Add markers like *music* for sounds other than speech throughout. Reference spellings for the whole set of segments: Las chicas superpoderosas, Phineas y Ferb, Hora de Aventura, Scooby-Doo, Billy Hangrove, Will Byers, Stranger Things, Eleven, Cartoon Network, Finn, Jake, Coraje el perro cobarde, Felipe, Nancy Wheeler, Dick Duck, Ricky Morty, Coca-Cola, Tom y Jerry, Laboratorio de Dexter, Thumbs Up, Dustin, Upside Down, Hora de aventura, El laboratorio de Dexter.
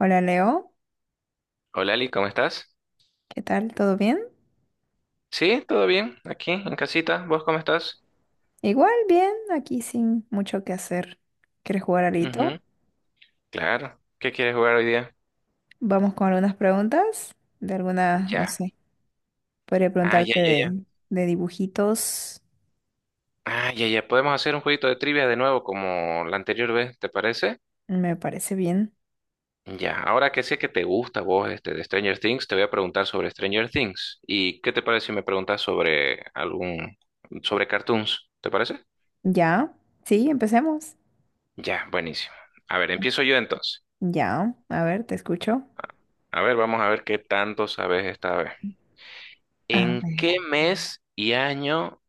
Hola Leo, Hola Ali, ¿cómo estás? ¿qué tal? ¿Todo bien? Sí, todo bien, aquí en casita. ¿Vos cómo estás? Igual bien, aquí sin mucho que hacer. ¿Quieres jugar alito? Ujú, claro. ¿Qué quieres jugar hoy día? Vamos con algunas preguntas de algunas, no Ya. sé, podría Ah, ya, preguntarte ya, ya. de dibujitos. Ah, ya, ya. Podemos hacer un jueguito de trivia de nuevo como la anterior vez, ¿te parece? Me parece bien. Ya. Ahora que sé que te gusta vos este de Stranger Things, te voy a preguntar sobre Stranger Things. ¿Y qué te parece si me preguntas sobre algún, sobre cartoons? ¿Te parece? ¿Ya? Sí, empecemos. Ya, buenísimo. A ver, empiezo yo entonces. Ya, a ver, te escucho. A ver, vamos a ver qué tanto sabes esta vez. A ¿En qué ver. mes y año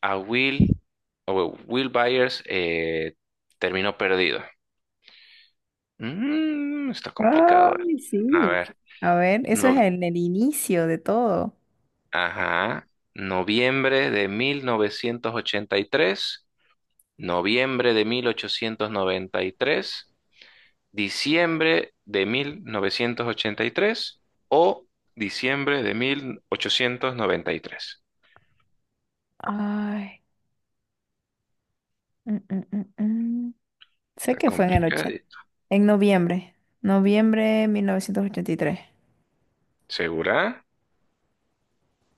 a Will, o Will Byers terminó perdido? Está complicado. Ay, A sí. ver, A ver, eso no, es en el inicio de todo. ajá, noviembre de 1983, noviembre de 1893, diciembre de 1983 o diciembre de 1893. Ay. mm, mm, mm, mm. Sé Está que fue en el complicado. ochenta. En noviembre, noviembre 1983. ¿Segura?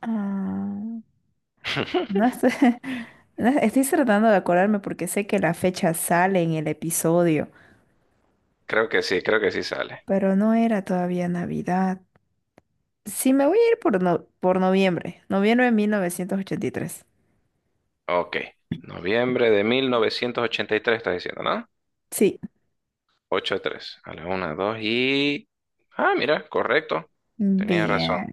Ah, no *laughs* estoy, *laughs* no, estoy tratando de acordarme porque sé que la fecha sale en el episodio, creo que sí sale. pero no era todavía Navidad. Sí, me voy a ir por, por noviembre, noviembre de 1983. Ok. Noviembre de 1983, estás diciendo, ¿no? Sí, Ocho tres. A la 1, 2 y... Ah, mira, correcto. Tenías razón. bien,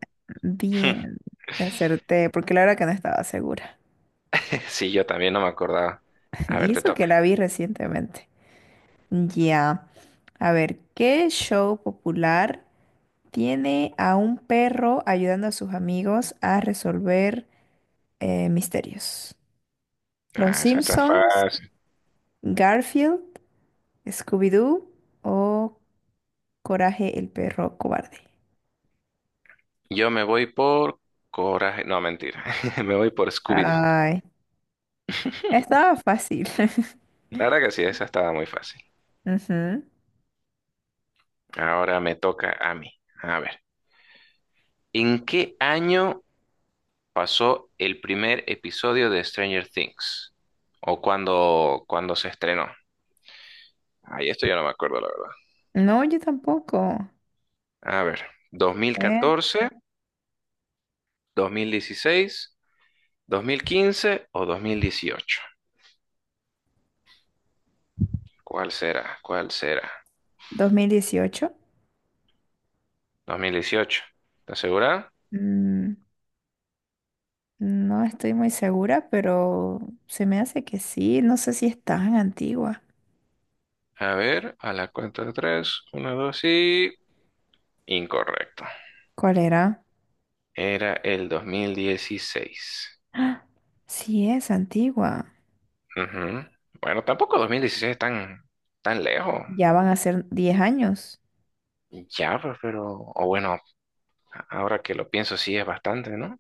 *laughs* bien, acerté, porque la verdad que no estaba segura. Sí, yo también no me acordaba. *laughs* A ver, Y te eso que toca. la vi recientemente. Ya, a ver, ¿qué show popular? Tiene a un perro ayudando a sus amigos a resolver misterios. Los Ah, esa está Simpsons, fácil. Garfield, Scooby-Doo o Coraje el perro cobarde. Yo me voy por coraje. No, mentira. *laughs* Me voy por Scooby-Doo. Ay, estaba fácil. La verdad que sí, esa estaba muy fácil. *laughs* Ujú. Ahora me toca a mí. A ver. ¿En qué año pasó el primer episodio de Stranger Things? O cuando se estrenó. Ay, esto ya no me acuerdo, la verdad. No, yo tampoco. A A ver, dos mil ver, catorce, 2016, 2015 o 2018. ¿Cuál será? ¿Cuál será? 2018. 2018. ¿Estás segura? Mm, no estoy muy segura, pero se me hace que sí. No sé si es tan antigua. A ver, a la cuenta de tres, uno, dos y... Incorrecto. ¿Cuál era? Era el 2016. ¡Ah! Sí es antigua. Ujú. Bueno, tampoco 2016 es tan, tan lejos. Ya van a ser 10 años. Ya, pues, pero, o bueno, ahora que lo pienso, sí es bastante, ¿no?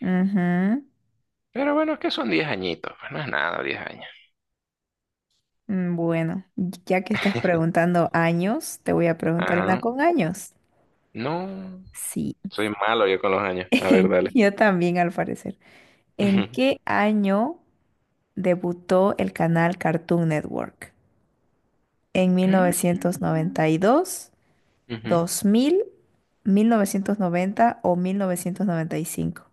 Ujú. Pero bueno, es que son diez añitos, pues no es nada, 10 años. Bueno, ya que estás preguntando años, te voy a preguntar una Ajá. con años. No, Sí, soy malo yo con los años. A ver, dale. *laughs* yo también al parecer. ¿En Ujú. qué año debutó el canal Cartoon Network? ¿En mil, Mm. novecientos noventa y dos, Ujú. 2000, 1990 o 1995.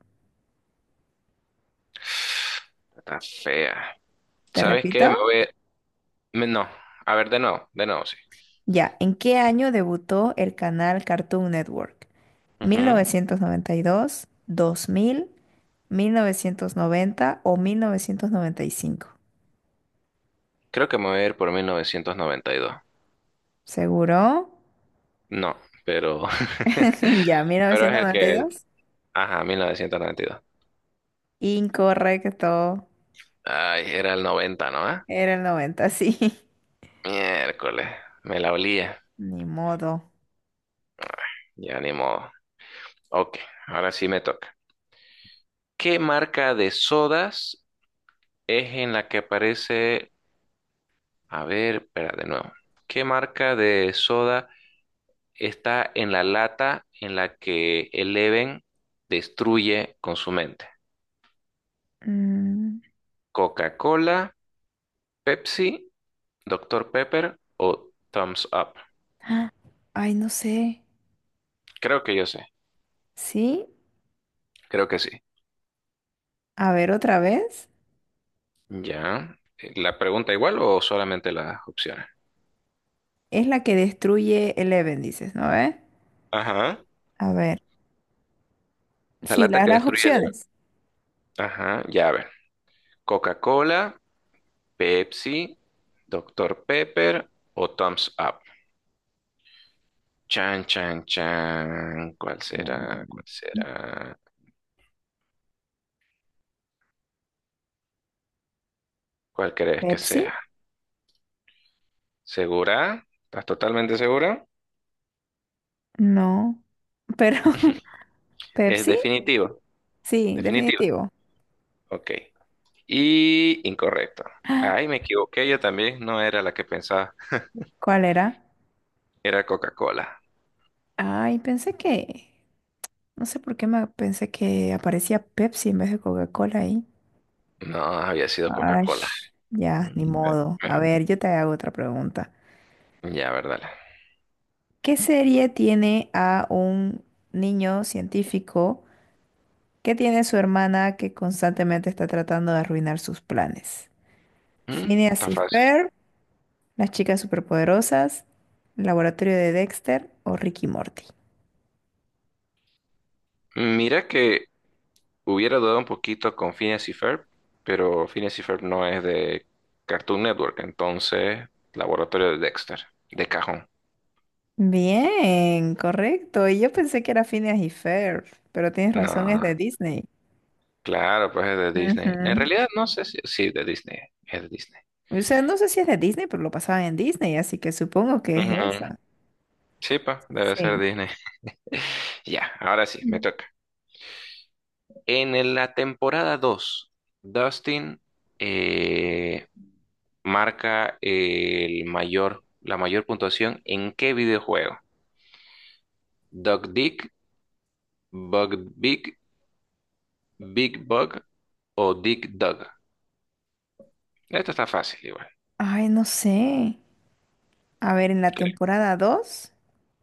Está fea. ¿Te ¿Sabes qué? Me repito? voy. No, a ver, de nuevo, sí. Ya, ¿en qué año debutó el canal Cartoon Network? Mil Ujú. novecientos noventa y dos, dos mil, mil novecientos noventa o mil novecientos noventa y cinco. Creo que me voy a ir por 1992. ¿Seguro? No, pero. *laughs* *laughs* Ya, mil Pero es novecientos el noventa y que. dos Ajá, 1992. Incorrecto. Ay, era el noventa, ¿no? Era el noventa, sí. Miércoles, me la olía. *laughs* Ni modo. Ya ni modo. Ok, ahora sí me toca. ¿Qué marca de sodas es en la que aparece? A ver, espera de nuevo. ¿Qué marca de soda está en la lata en la que Eleven destruye con su mente? Mm, ¿Coca-Cola, Pepsi, Doctor Pepper o Thumbs Up? ah, ay, no sé. Creo que yo sé, ¿Sí? creo que sí. A ver, otra vez. Ya. ¿La pregunta igual o solamente las opciones? Es la que destruye Eleven, dices, ¿no ve? Ajá. A ver. La Sí, lata que las destruye Eleven. opciones. Ajá, ya a ver. Coca-Cola, Pepsi, Doctor Pepper o Thumbs Up. Chan, chan, chan. ¿Cuál será? Mm, ¿Cuál será? ¿Cuál crees que ¿Pepsi? sea? ¿Segura? ¿Estás totalmente segura? No. Pero, *laughs* Es ¿Pepsi? definitivo. Sí, Definitivo. definitivo. Ok. Y incorrecto. Ay, me equivoqué. Yo también no era la que pensaba. ¿Cuál era? Era Coca-Cola. Ay, pensé que, no sé por qué me pensé que aparecía Pepsi en vez de Coca-Cola ahí. No, había sido Ay, Coca-Cola. ya, Mm, ni modo. A eh, ver, yo te hago otra pregunta. Ya, verdad. ¿Qué serie tiene a un niño científico que tiene su hermana que constantemente está tratando de arruinar sus planes? ¿Phineas Está y fácil. Ferb, Las chicas superpoderosas, El laboratorio de Dexter o Ricky Morty? Mira que hubiera dudado un poquito con Phineas y Ferb, pero Phineas y Ferb no es de Cartoon Network, entonces Laboratorio de Dexter, de cajón. Bien, correcto. Y yo pensé que era Phineas y Ferb, pero tienes razón, es No, de Disney. claro, pues es de Disney. En Ujú. realidad no sé si... Sí, de Disney, es de Disney. O sea, no sé si es de Disney, pero lo pasaban en Disney, así que supongo que es Ujú. esa. Sí, pa, debe ser Sí. Disney. *laughs* Ya, ahora sí, me Mm. toca. En la temporada 2, Dustin eh, marca el mayor, la mayor puntuación en qué videojuego? Duck Dick, Bug Big Bug o dig Dug. Esto está fácil igual, Ay, no sé. A ver, en la creo. temporada dos,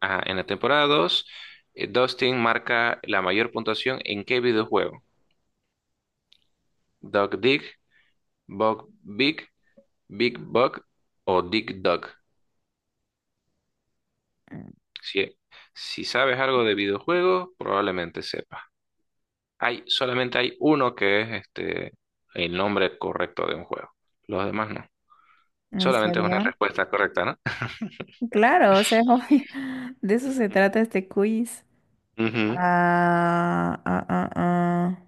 Ajá, en la temporada 2, Dustin marca la mayor puntuación en qué videojuego? Dog dig, Bug Big, Big Bug o dig Dug. mm, Si, si sabes algo de videojuegos, probablemente sepas. Solamente hay uno que es este, el nombre correcto de un juego. Los demás no. ¿en Solamente es una serio? respuesta correcta, ¿no? Claro, o sea, es obvio. *laughs* De eso se trata *laughs* este quiz. Ujú. Ah, ah, ah, ah.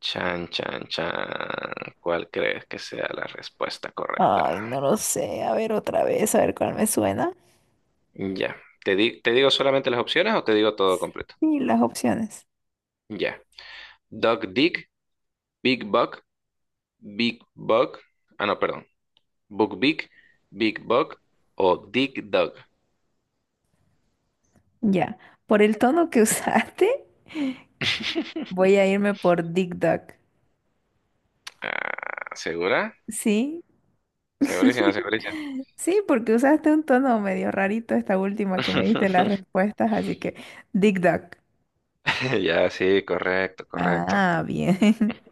Chan, chan, chan. ¿Cuál crees que sea la respuesta correcta? Ay, no lo sé. A ver otra vez, a ver cuál me suena. Ya. ¿Te digo solamente las opciones o te digo todo completo? Y las opciones. Ya. Dog Dick, Big Buck, Big Bug. Ah, no, perdón. Book Big, Big Bug o Dick Dog. Ya, por el tono que *laughs* usaste, voy a *laughs* irme por Dick Duck. Ah, ¿segura? ¿Sí? Segurísima, *laughs* segurísima. Sí, porque usaste un tono medio rarito esta última que me diste las *laughs* respuestas, así que Dick Duck. Ya, sí, correcto, correcto. Ah, bien. *laughs*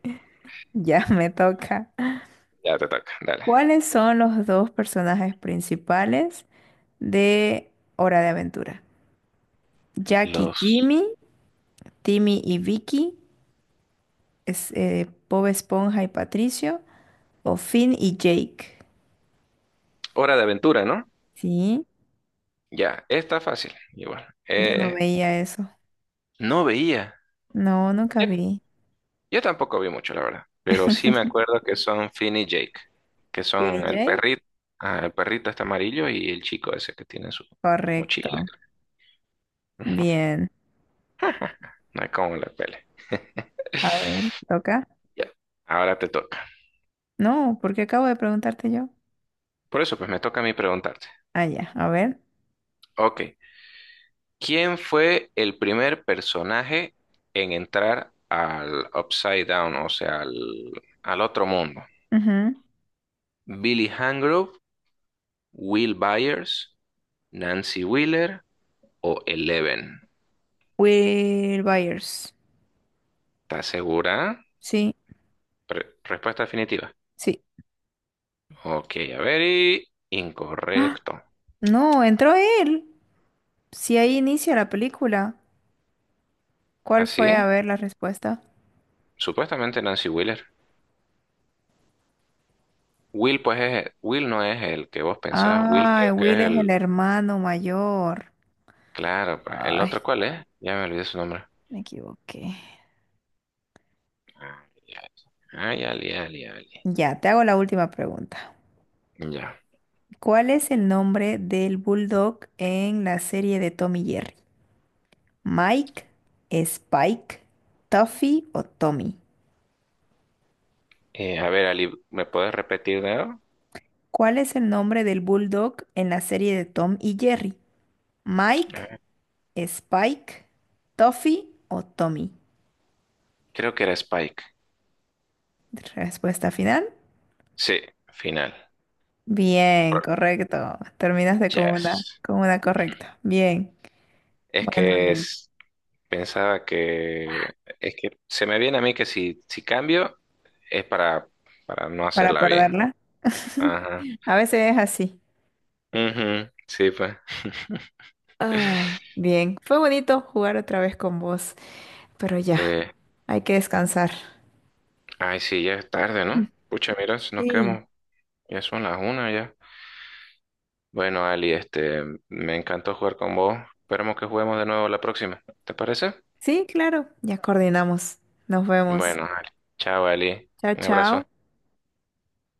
Ya me toca. Ya te toca, dale. ¿Cuáles son los dos personajes principales de Hora de Aventura? Jack y Los... Jimmy, Timmy y Vicky, Bob Esponja y Patricio, o Finn y Jake. Hora de aventura, ¿no? Sí, Ya, está fácil. Igual. yo no veía eso. No veía. No, nunca Yo, vi. yo tampoco vi mucho, la verdad. Pero sí me acuerdo que son Finn y Jake, que son Skinny el Jake, perrito, ah, el perrito está amarillo y el chico ese que tiene su mochila. correcto. *laughs* Ujú, Bien. no hay como la pele. *laughs* A ver, toca. Ya, ahora te toca. No, porque acabo de preguntarte yo. Por eso, pues me toca a mí preguntarte. Ah, ya, a ver. Ok, ¿quién fue el primer personaje en entrar al Upside Down, o sea, al otro mundo? Ujú. Billy Hangrove, Will Byers, Nancy Wheeler, o Eleven. Will Byers. ¿Estás segura? Sí, Respuesta definitiva. sí. Ok, a ver, y ¡Ah! incorrecto. No, entró él. Si ahí inicia la película. ¿Cuál fue? ¿Así? A ver la respuesta. Supuestamente Nancy Wheeler. Will, pues, es, Will no es el que vos pensás. Will Ah, creo que es Will es el el... hermano mayor. Claro, pues. ¿El Ay, otro cuál es? Ya me olvidé su nombre. me equivoqué. Ay, ay, Ali, Ali, Ali. Ya, te hago la última pregunta. Ya. ¿Cuál es el nombre del bulldog en la serie de Tommy y Jerry? ¿Mike, Spike, Tuffy o Tommy? A ver, Ali, ¿me puedes repetir de nuevo? ¿Cuál es el nombre del bulldog en la serie de Tom y Jerry? ¿Mike, Ah, Spike, Tuffy o Tommy? creo que era Spike. Respuesta final. Sí, final. El Bien, pro- correcto. Terminaste Yes. con una correcta. Bien. Es Bueno, que Leo, es... Pensaba que es que se me viene a mí que si cambio es para, no para hacerla bien. perderla. *laughs* Ajá. A veces es así. Ujú, sí, pues. *laughs* Ay, bien. Fue bonito jugar otra vez con vos, pero ya, Eh, hay que descansar. ay, sí, ya es tarde, ¿no? Pucha, mira, si nos Sí. quedamos, ya son las una ya. Bueno, Ali, este, me encantó jugar con vos. Esperemos que juguemos de nuevo la próxima. ¿Te parece? Sí, claro, ya coordinamos. Nos vemos. Bueno, *laughs* Ali. Chao, Ali. Chao, Un abrazo. chao.